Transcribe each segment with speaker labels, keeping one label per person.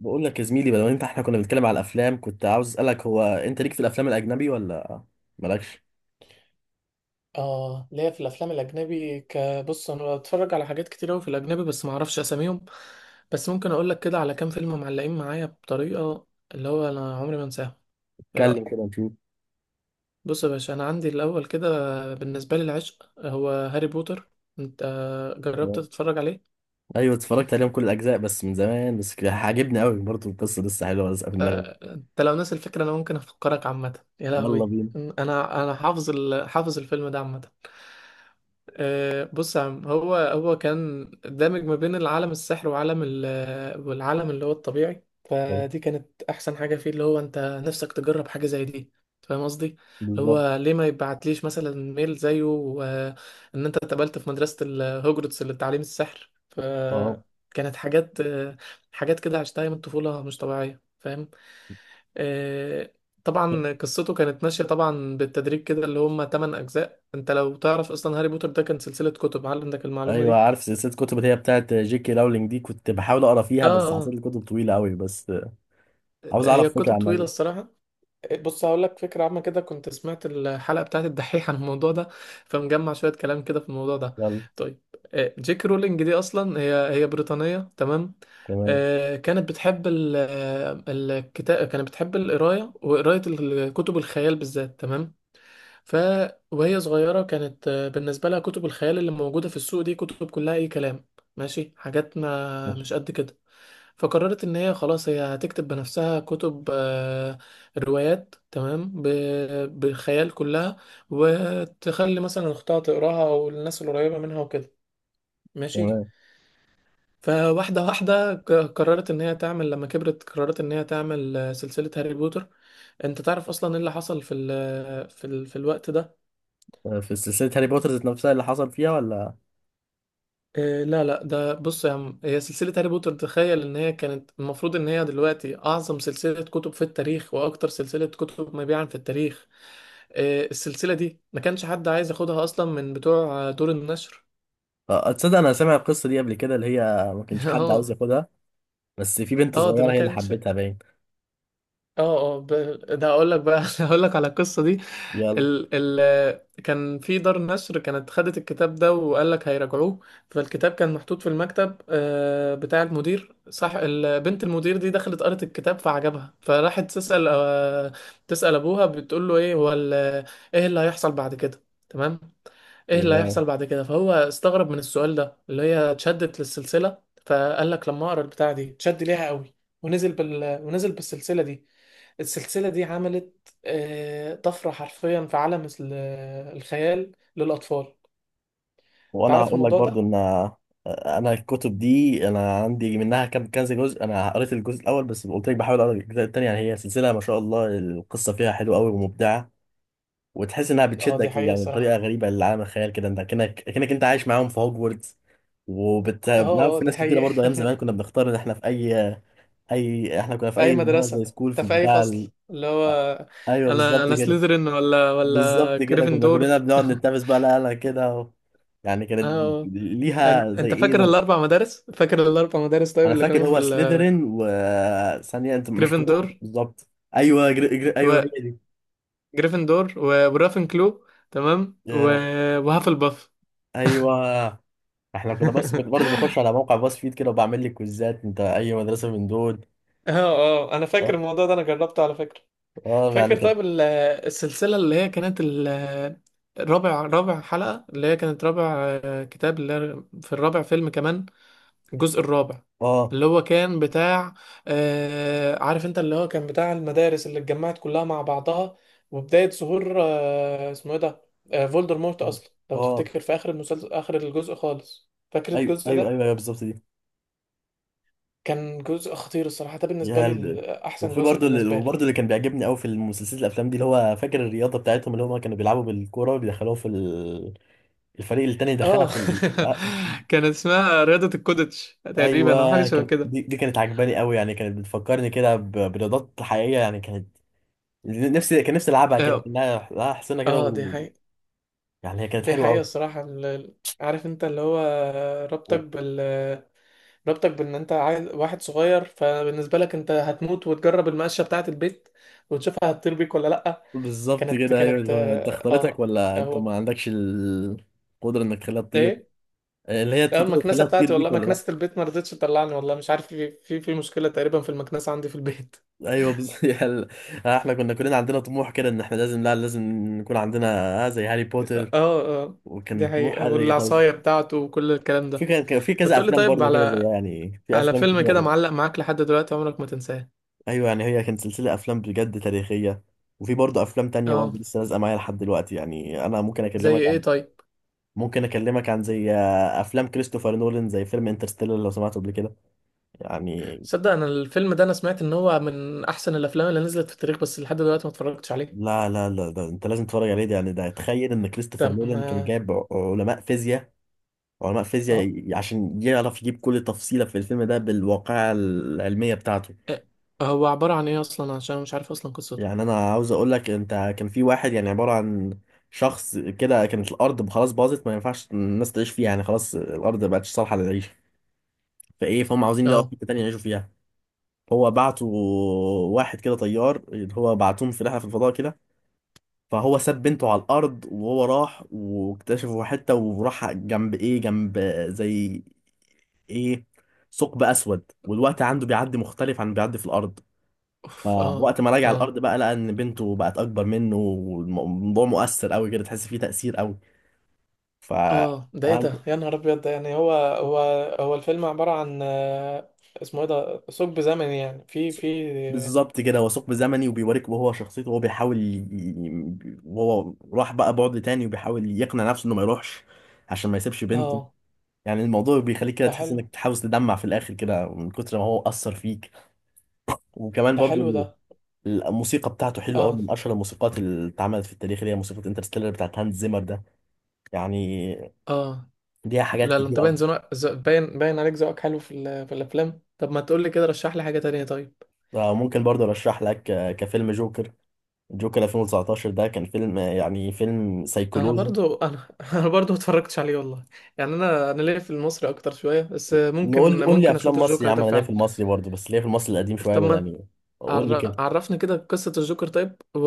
Speaker 1: بقول لك يا زميلي، بدل ما انت احنا كنا بنتكلم على الافلام، كنت عاوز اسالك هو انت ليك في الافلام الاجنبي ولا مالكش؟
Speaker 2: اه ليا في الافلام الاجنبي بص انا بتفرج على حاجات كتير قوي في الاجنبي، بس ما اعرفش اساميهم. بس ممكن اقول لك كده على كام فيلم معلقين معايا بطريقه اللي هو انا عمري ما انساها. ايه
Speaker 1: اتكلم كده
Speaker 2: رايك؟
Speaker 1: نشوف.
Speaker 2: بص يا باشا، انا عندي الاول كده، بالنسبه لي العشق هو هاري بوتر. انت جربت
Speaker 1: اه.
Speaker 2: تتفرج عليه؟
Speaker 1: ايوه اتفرجت عليهم كل الاجزاء بس من زمان، بس كده عاجبني قوي برضه، القصه لسه حلوه لسه في دماغي.
Speaker 2: انت لو ناسي الفكره انا ممكن افكرك عامه. يا
Speaker 1: يلا
Speaker 2: لهوي،
Speaker 1: بينا.
Speaker 2: انا حافظ حافظ الفيلم ده عامه. بص يا عم، هو كان دامج ما بين العالم السحر وعالم والعالم اللي هو الطبيعي.
Speaker 1: اه.
Speaker 2: فدي كانت احسن حاجه فيه، اللي هو انت نفسك تجرب حاجه زي دي. فاهم قصدي؟ اللي
Speaker 1: بالظبط.
Speaker 2: هو ليه ما يبعتليش مثلا ميل زيه وان انت اتقبلت في مدرسه الهوجرتس للتعليم السحر؟
Speaker 1: اه
Speaker 2: فكانت حاجات حاجات كده عشتها من الطفوله مش طبيعيه. فاهم؟ آه، طبعا قصته كانت ماشيه طبعا بالتدريج كده، اللي هم 8 اجزاء. انت لو تعرف اصلا هاري بوتر ده كان سلسلة كتب؟ هل عندك المعلومة
Speaker 1: ايوه
Speaker 2: دي؟
Speaker 1: عارف، سلسله كتب اللي هي بتاعت جي كي راولينج دي، كنت بحاول اقرا فيها
Speaker 2: اه،
Speaker 1: بس حسيت
Speaker 2: اه.
Speaker 1: الكتب طويله قوي، بس عاوز
Speaker 2: هي
Speaker 1: اعرف فكره
Speaker 2: الكتب طويلة
Speaker 1: عنها.
Speaker 2: الصراحة. بص، هقول لك فكرة عامة كده، كنت سمعت الحلقة بتاعت الدحيح عن الموضوع ده، فمجمع شوية كلام كده في الموضوع ده.
Speaker 1: يلا.
Speaker 2: طيب. جيك رولينج دي أصلا هي بريطانية، تمام.
Speaker 1: تمام.
Speaker 2: كانت بتحب الكتاب، كانت بتحب القراية وقراية الكتب الخيال بالذات، تمام. ف وهي صغيرة كانت، بالنسبة لها كتب الخيال اللي موجودة في السوق دي كتب كلها أي كلام، ماشي، حاجات ما
Speaker 1: ماشي.
Speaker 2: مش قد كده. فقررت إن هي خلاص هي هتكتب بنفسها كتب روايات، تمام، بالخيال كلها، وتخلي مثلا أختها تقراها أو الناس القريبة منها وكده، ماشي.
Speaker 1: تمام.
Speaker 2: فواحدة واحدة قررت إن هي تعمل، لما كبرت قررت إن هي تعمل سلسلة هاري بوتر. أنت تعرف أصلا إيه اللي حصل في ال في ال في الوقت ده؟
Speaker 1: اه، في سلسله هاري بوتر ذات نفسها اللي حصل فيها ولا؟
Speaker 2: إيه، لا لا، ده بص يا عم، هي سلسلة هاري بوتر، تخيل ان هي كانت المفروض ان هي دلوقتي اعظم سلسلة كتب في التاريخ واكتر سلسلة كتب مبيعا في التاريخ. إيه، السلسلة دي ما كانش حد عايز ياخدها اصلا من بتوع دور النشر.
Speaker 1: آه، تصدق انا سامع القصه دي قبل كده، اللي هي ما كانش حد عاوز
Speaker 2: اه،
Speaker 1: ياخدها، بس في بنت
Speaker 2: اه، ده
Speaker 1: صغيره
Speaker 2: ما
Speaker 1: هي اللي
Speaker 2: كانش. اه
Speaker 1: حبتها باين.
Speaker 2: اه ده اقول لك بقى، اقول لك على القصة دي.
Speaker 1: يلا.
Speaker 2: ال ال كان في دار نشر كانت خدت الكتاب ده وقال لك هيراجعوه. فالكتاب كان محطوط في المكتب بتاع المدير، صح؟ بنت المدير دي دخلت قرت الكتاب فعجبها، فراحت تسأل، تسأل ابوها، بتقول له ايه هو ايه اللي هيحصل بعد كده، تمام، ايه اللي
Speaker 1: يلا.
Speaker 2: هيحصل بعد كده. فهو استغرب من السؤال ده، اللي هي اتشدت للسلسلة. فقال لك لما اقرا البتاع دي اتشد ليها قوي، ونزل بالسلسلة دي. السلسلة دي عملت طفرة حرفيا في عالم الخيال للأطفال. انت
Speaker 1: وانا
Speaker 2: عارف
Speaker 1: هقول لك
Speaker 2: الموضوع
Speaker 1: برضو
Speaker 2: ده؟
Speaker 1: ان انا الكتب دي انا عندي منها كام كذا جزء، انا قريت الجزء الاول بس، قلت لك بحاول اقرا الجزء الثاني. يعني هي سلسله ما شاء الله، القصه فيها حلوه قوي ومبدعه، وتحس انها
Speaker 2: اه، دي
Speaker 1: بتشدك
Speaker 2: حقيقة
Speaker 1: يعني
Speaker 2: الصراحة.
Speaker 1: بطريقه غريبه لعالم الخيال كده، انت كأنك انت عايش معاهم في هوجورتس. وبت لا،
Speaker 2: اه، اه،
Speaker 1: في
Speaker 2: دي
Speaker 1: ناس كتيره
Speaker 2: حقيقة.
Speaker 1: برضه، ايام زمان كنا بنختار ان احنا في اي، اي احنا كنا في
Speaker 2: أي
Speaker 1: اي اللي هو
Speaker 2: مدرسة؟
Speaker 1: زي سكول في
Speaker 2: انت في أي
Speaker 1: البتاع.
Speaker 2: فصل اللي هو؟
Speaker 1: ايوه
Speaker 2: أنا
Speaker 1: بالظبط
Speaker 2: أنا
Speaker 1: كده.
Speaker 2: سlytherin ولا
Speaker 1: بالظبط كده كنا كلنا
Speaker 2: جريفندور؟
Speaker 1: بنقعد نتنافس بقى، لا لا كده و... يعني
Speaker 2: اه،
Speaker 1: كانت
Speaker 2: آه.
Speaker 1: ليها زي
Speaker 2: انت
Speaker 1: ايه زي...
Speaker 2: فاكر الاربع مدارس؟ فاكر الاربع مدارس طيب
Speaker 1: انا
Speaker 2: اللي
Speaker 1: فاكر
Speaker 2: كانوا في
Speaker 1: هو سليذرين، وثانيه انت مش فاكرهم
Speaker 2: جريفندور،
Speaker 1: بالظبط. ايوه جر... جر... ايوه هي دي.
Speaker 2: ورافنكلو، تمام، و...
Speaker 1: يا
Speaker 2: وهافلباف.
Speaker 1: ايوه. احنا كنا بس كنت برضه بخش على موقع باص فيد كده وبعمل لي كويزات انت اي مدرسه من دول.
Speaker 2: اه، اه، انا فاكر
Speaker 1: اه
Speaker 2: الموضوع ده، انا جربته على فكرة.
Speaker 1: اه. يعني
Speaker 2: فاكر
Speaker 1: كان
Speaker 2: طيب السلسلة اللي هي كانت الرابع، رابع حلقة، اللي هي كانت رابع كتاب، اللي هي في الرابع فيلم كمان، الجزء الرابع،
Speaker 1: اه
Speaker 2: اللي هو كان بتاع عارف، انت اللي هو كان بتاع المدارس اللي اتجمعت كلها مع بعضها، وبداية ظهور اسمه ايه ده، فولدرمورت اصلا، لو
Speaker 1: اه
Speaker 2: تفتكر في اخر المسلسل، اخر الجزء خالص، فاكر
Speaker 1: ايوه
Speaker 2: الجزء
Speaker 1: ايوه
Speaker 2: ده.
Speaker 1: ايوه أيوه، بالظبط دي.
Speaker 2: كان جزء خطير الصراحة ده، بالنسبة
Speaker 1: يا
Speaker 2: لي
Speaker 1: هلد.
Speaker 2: احسن
Speaker 1: وفي
Speaker 2: جزء
Speaker 1: برضه اللي
Speaker 2: بالنسبة
Speaker 1: وبرضه
Speaker 2: لي.
Speaker 1: اللي كان بيعجبني قوي في المسلسلات الافلام دي، اللي هو فاكر الرياضه بتاعتهم اللي هم كانوا بيلعبوا بالكوره بيدخلوها في ال- الفريق التاني دخلها
Speaker 2: اه.
Speaker 1: في ال...
Speaker 2: كان اسمها رياضة الكودتش تقريبا او حاجة
Speaker 1: ايوه
Speaker 2: شبه
Speaker 1: كان
Speaker 2: كده.
Speaker 1: دي، دي كانت عجباني قوي، يعني كانت بتفكرني كده ب- برياضات حقيقيه، يعني كانت نفسي، كان نفسي العبها، كده
Speaker 2: اه،
Speaker 1: كانها لها حسنه كده
Speaker 2: اه، دي
Speaker 1: و...
Speaker 2: حقيقة.
Speaker 1: يعني هي كانت
Speaker 2: دي
Speaker 1: حلوه
Speaker 2: حقيقة
Speaker 1: قوي.
Speaker 2: الصراحة. عارف انت اللي هو ربطك
Speaker 1: و-
Speaker 2: بال ربطك بان انت عايز واحد صغير، فبالنسبة لك انت هتموت وتجرب المقشة بتاعة البيت وتشوفها هتطير بيك ولا لأ.
Speaker 1: بالظبط
Speaker 2: كانت
Speaker 1: كده ايوه،
Speaker 2: كانت
Speaker 1: اللي هو انت اختارتك
Speaker 2: اه،
Speaker 1: ولا انت
Speaker 2: هو،
Speaker 1: ما عندكش القدره انك تخليها تطير.
Speaker 2: ايه.
Speaker 1: آه، اللي هي
Speaker 2: لا، المكنسة
Speaker 1: تخليها تطير
Speaker 2: بتاعتي
Speaker 1: بيك
Speaker 2: والله،
Speaker 1: ولا لا.
Speaker 2: مكنسة البيت ما رضتش تطلعني والله، مش عارف، في في مشكلة تقريبا في المكنسة عندي في البيت.
Speaker 1: ايوه بز... يعني احنا كنا كلنا عندنا طموح كده ان احنا لازم، لا لازم نكون عندنا آه زي هاري
Speaker 2: اه،
Speaker 1: بوتر،
Speaker 2: اه،
Speaker 1: وكان
Speaker 2: دي
Speaker 1: طموح
Speaker 2: حقيقة،
Speaker 1: هاري خلاص.
Speaker 2: والعصاية بتاعته وكل الكلام
Speaker 1: في
Speaker 2: ده.
Speaker 1: كان في
Speaker 2: طب
Speaker 1: كذا
Speaker 2: تقولي
Speaker 1: افلام
Speaker 2: طيب
Speaker 1: برضو كده، زي
Speaker 2: على
Speaker 1: يعني في
Speaker 2: على
Speaker 1: افلام كتير
Speaker 2: فيلم كده
Speaker 1: أوي.
Speaker 2: معلق معاك لحد دلوقتي عمرك ما تنساه.
Speaker 1: ايوه يعني هي كانت سلسله افلام بجد تاريخيه، وفي برضو افلام تانية
Speaker 2: اه،
Speaker 1: برضو لسه لازقه معايا لحد دلوقتي، يعني انا ممكن
Speaker 2: زي
Speaker 1: اكلمك
Speaker 2: ايه
Speaker 1: عن،
Speaker 2: طيب؟
Speaker 1: ممكن اكلمك عن زي افلام كريستوفر نولان زي فيلم انترستيلر لو سمعته قبل كده. يعني
Speaker 2: صدق، انا الفيلم ده انا سمعت ان هو من احسن الافلام اللي نزلت في التاريخ، بس لحد دلوقتي ما اتفرجتش عليه.
Speaker 1: لا لا لا ده انت لازم تتفرج عليه، ده يعني ده تخيل ان كريستوفر
Speaker 2: طب
Speaker 1: نولان كان
Speaker 2: ما
Speaker 1: جايب ع- علماء فيزياء، وعلماء فيزياء
Speaker 2: اه،
Speaker 1: ي- عشان يعرف يجيب كل تفصيلة في الفيلم ده بالواقعة العلمية بتاعته.
Speaker 2: إيه؟ هو عبارة عن ايه اصلا، عشان أنا مش عارف اصلا قصته.
Speaker 1: يعني أنا عاوز أقول لك أنت كان في واحد يعني عبارة عن شخص كده، كانت الأرض خلاص باظت ما ينفعش الناس تعيش فيها، يعني خلاص الأرض ما بقتش صالحة للعيش، فإيه فهم عاوزين يلاقوا
Speaker 2: اه.
Speaker 1: حتة تانية يعيشوا فيها. هو بعتوا واحد كده طيار، اللي هو بعتوهم في رحلة في الفضاء كده، فهو ساب بنته على الارض وهو راح، واكتشفوا حته وراح جنب ايه جنب زي ايه ثقب اسود، والوقت عنده بيعدي مختلف عن بيعدي في الارض،
Speaker 2: اوف، اه.
Speaker 1: فوقت ما راجع
Speaker 2: اه،
Speaker 1: الارض بقى لقى ان بنته بقت اكبر منه، والموضوع مؤثر قوي كده، تحس فيه تاثير قوي. ف
Speaker 2: اه، ده ايه ده، يا نهار ابيض، ده يعني هو هو الفيلم عبارة عن اسمه ايه ده، ثقب زمني، يعني في، في.
Speaker 1: بالظبط كده، هو ثقب زمني، وبيوريك وهو شخصيته وهو بيحاول ي... وهو راح بقى بعد تاني وبيحاول يقنع نفسه انه ما يروحش عشان ما يسيبش بنته.
Speaker 2: اه،
Speaker 1: يعني الموضوع بيخليك كده
Speaker 2: ده
Speaker 1: تحس
Speaker 2: حلو.
Speaker 1: انك تحاول تدمع في الاخر كده من كتر ما هو اثر فيك. وكمان
Speaker 2: ده
Speaker 1: برضو
Speaker 2: حلو
Speaker 1: ال-
Speaker 2: ده.
Speaker 1: الموسيقى بتاعته حلوه قوي،
Speaker 2: اه،
Speaker 1: من اشهر الموسيقات اللي اتعملت في التاريخ، اللي هي موسيقى انترستيلر بتاعت هانز زيمر ده. يعني
Speaker 2: اه.
Speaker 1: ليها حاجات
Speaker 2: لا لا،
Speaker 1: كتير
Speaker 2: انت
Speaker 1: قوي.
Speaker 2: باين باين، باين عليك ذوقك حلو في في الافلام. طب ما تقول لي كده، رشح لي حاجه تانية طيب.
Speaker 1: ممكن برضو ارشح لك كفيلم جوكر، جوكر 2019، ده كان فيلم يعني فيلم
Speaker 2: انا
Speaker 1: سيكولوجي.
Speaker 2: برضو انا انا برضو ما اتفرجتش عليه والله، يعني انا، انا ليا في المصري اكتر شويه، بس
Speaker 1: نقول لي
Speaker 2: ممكن
Speaker 1: قول لي
Speaker 2: ممكن
Speaker 1: افلام
Speaker 2: اشوف
Speaker 1: مصري يا
Speaker 2: الجوكر
Speaker 1: عم،
Speaker 2: ده
Speaker 1: انا ليا في
Speaker 2: فعلا.
Speaker 1: المصري برضو بس ليا في المصري القديم شويه
Speaker 2: طب
Speaker 1: بقى،
Speaker 2: ما
Speaker 1: يعني قول لي كده.
Speaker 2: عرفني كده قصه الجوكر طيب، و...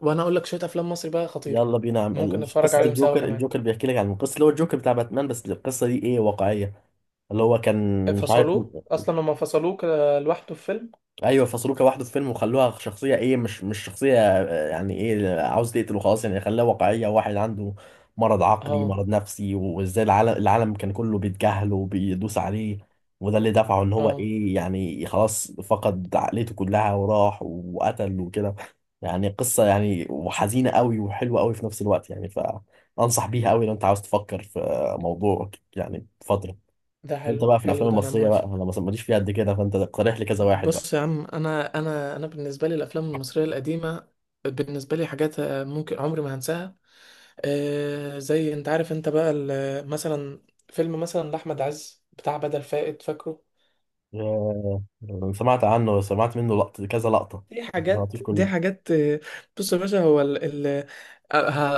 Speaker 2: وانا اقول لك شويه افلام مصري بقى خطيره.
Speaker 1: يلا بينا يا
Speaker 2: ممكن
Speaker 1: عم.
Speaker 2: نتفرج
Speaker 1: قصه
Speaker 2: عليهم سوا
Speaker 1: الجوكر،
Speaker 2: كمان.
Speaker 1: الجوكر بيحكي لك عن القصه اللي هو الجوكر بتاع باتمان، بس القصه دي ايه واقعيه، اللي هو كان مش عارف.
Speaker 2: فصلوه اصلا، لما فصلوه كده لوحده في فيلم.
Speaker 1: ايوه فصلوه كواحد في فيلم، وخلوها شخصيه ايه مش شخصيه يعني ايه عاوز تقتله خلاص، يعني خلاها واقعيه، واحد عنده مرض عقلي
Speaker 2: اه،
Speaker 1: مرض نفسي، وازاي العالم، العالم كان كله بيتجاهله وبيدوس عليه، وده اللي دفعه ان هو
Speaker 2: اه،
Speaker 1: ايه يعني خلاص فقد عقليته كلها وراح وقتل وكده. يعني قصه يعني وحزينه قوي وحلوه قوي في نفس الوقت يعني، فانصح بيها قوي لو انت عاوز تفكر في موضوع يعني فتره.
Speaker 2: ده
Speaker 1: وانت
Speaker 2: حلو،
Speaker 1: بقى في
Speaker 2: حلو
Speaker 1: الافلام
Speaker 2: ده، انا
Speaker 1: المصريه بقى،
Speaker 2: موافق.
Speaker 1: انا ما- ماليش فيها قد كده، فانت اقترح لي كذا واحد بقى.
Speaker 2: بص يا عم، انا بالنسبه لي الافلام المصريه القديمه، بالنسبه لي حاجات ممكن عمري ما هنساها. زي انت عارف انت بقى مثلا فيلم مثلا لاحمد عز بتاع بدل فائد، فاكره؟
Speaker 1: آه، انا سمعت عنه، سمعت منه لقطه كذا لقطه، لكن ما عرفتوش
Speaker 2: دي
Speaker 1: كله.
Speaker 2: حاجات بص يا باشا، هو ال ال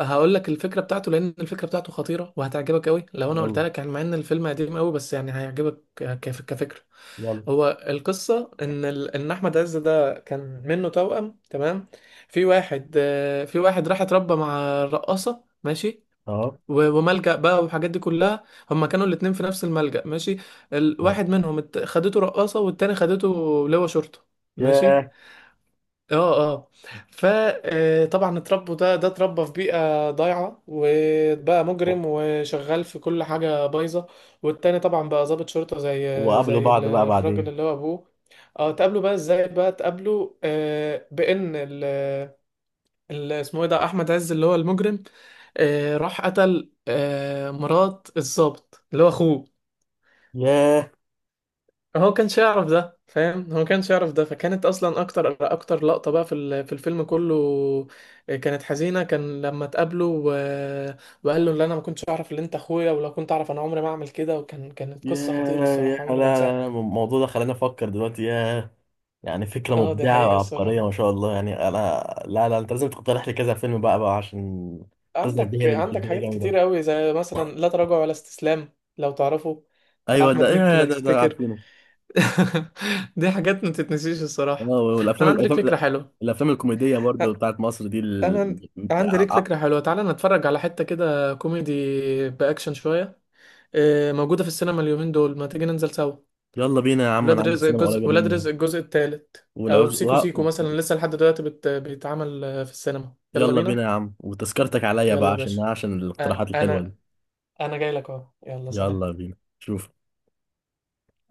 Speaker 2: هقول لك الفكره بتاعته، لان الفكره بتاعته خطيره وهتعجبك قوي لو انا قلت
Speaker 1: يلا.
Speaker 2: لك، يعني مع ان الفيلم قديم قوي، بس يعني هيعجبك كفكره.
Speaker 1: يلا.
Speaker 2: هو القصة إن إن أحمد عز ده كان منه توأم، تمام. في واحد في واحد راح اتربى مع الرقاصة، ماشي،
Speaker 1: اهو.
Speaker 2: و... وملجأ بقى، والحاجات دي كلها. هما كانوا الاتنين في نفس الملجأ، ماشي.
Speaker 1: أهو.
Speaker 2: الواحد منهم خدته رقاصة، والتاني خدته لواء شرطة، ماشي.
Speaker 1: ياه.
Speaker 2: اه، اه. فطبعا اتربوا، ده اتربى في بيئة ضايعة وبقى
Speaker 1: و-
Speaker 2: مجرم وشغال في كل حاجة بايظة، والتاني طبعا بقى ضابط شرطة زي
Speaker 1: وقابلوا
Speaker 2: زي
Speaker 1: بعض بقى
Speaker 2: الراجل
Speaker 1: بعدين.
Speaker 2: اللي هو ابوه. اه، تقابله بقى ازاي؟ بقى تقابله بان اسمه ايه ده، احمد عز اللي هو المجرم، راح قتل مرات الضابط اللي هو اخوه.
Speaker 1: ياه.
Speaker 2: هو كانش يعرف ده، فاهم، هو كانش يعرف ده. فكانت اصلا اكتر لقطة بقى في في الفيلم كله، كانت حزينة، كان لما اتقابلوا و... وقال له اللي انا ما كنتش اعرف اللي انت اخويا، ولو كنت اعرف انا عمري ما اعمل كده. كانت قصة خطيرة
Speaker 1: ياه. ياه
Speaker 2: الصراحة،
Speaker 1: لا
Speaker 2: عمري ما
Speaker 1: لا
Speaker 2: انساها.
Speaker 1: لا، الموضوع ده خلاني افكر دلوقتي. ياه، يعني فكره
Speaker 2: اه، دي
Speaker 1: مبدعه
Speaker 2: حقيقة
Speaker 1: وعبقريه ما
Speaker 2: الصراحة.
Speaker 1: شاء الله، يعني انا لا لا انت لازم تقترح لي كذا فيلم بقى بقى، عشان القصه دي هي
Speaker 2: عندك
Speaker 1: اللي
Speaker 2: عندك
Speaker 1: بتشدني
Speaker 2: حاجات
Speaker 1: جامده.
Speaker 2: كتير قوي زي مثلا لا تراجع ولا استسلام، لو تعرفه، بتاع
Speaker 1: ايوه ده
Speaker 2: احمد مكي
Speaker 1: ايه
Speaker 2: لو
Speaker 1: ده، ده
Speaker 2: تفتكر.
Speaker 1: عارفينه.
Speaker 2: دي حاجات ما تتنسيش
Speaker 1: اه
Speaker 2: الصراحة. انا
Speaker 1: والافلام
Speaker 2: عندي لك
Speaker 1: الافلام
Speaker 2: فكرة
Speaker 1: لا،
Speaker 2: حلوة.
Speaker 1: الافلام الكوميديه برضو بتاعت مصر دي ال...
Speaker 2: انا عندي
Speaker 1: ع-
Speaker 2: ليك
Speaker 1: ع-
Speaker 2: فكره حلوه، تعالى نتفرج على حته كده كوميدي باكشن شويه، موجوده في السينما اليومين دول، ما تيجي ننزل سوا.
Speaker 1: يلا بينا يا عم، انا عندي السينما قريبه
Speaker 2: ولاد
Speaker 1: مني.
Speaker 2: رزق الجزء الثالث، او
Speaker 1: والعز و...
Speaker 2: سيكو سيكو
Speaker 1: و-
Speaker 2: مثلا لسه لحد دلوقتي بيتعمل في السينما. يلا
Speaker 1: يلا بينا
Speaker 2: بينا.
Speaker 1: يا عم، وتذكرتك عليا بقى
Speaker 2: يلا يا
Speaker 1: عشان
Speaker 2: باشا،
Speaker 1: عشان
Speaker 2: انا
Speaker 1: الاقتراحات الحلوه دي.
Speaker 2: انا أنا جاي لك اهو. يلا، سلام.
Speaker 1: يلا بينا شوف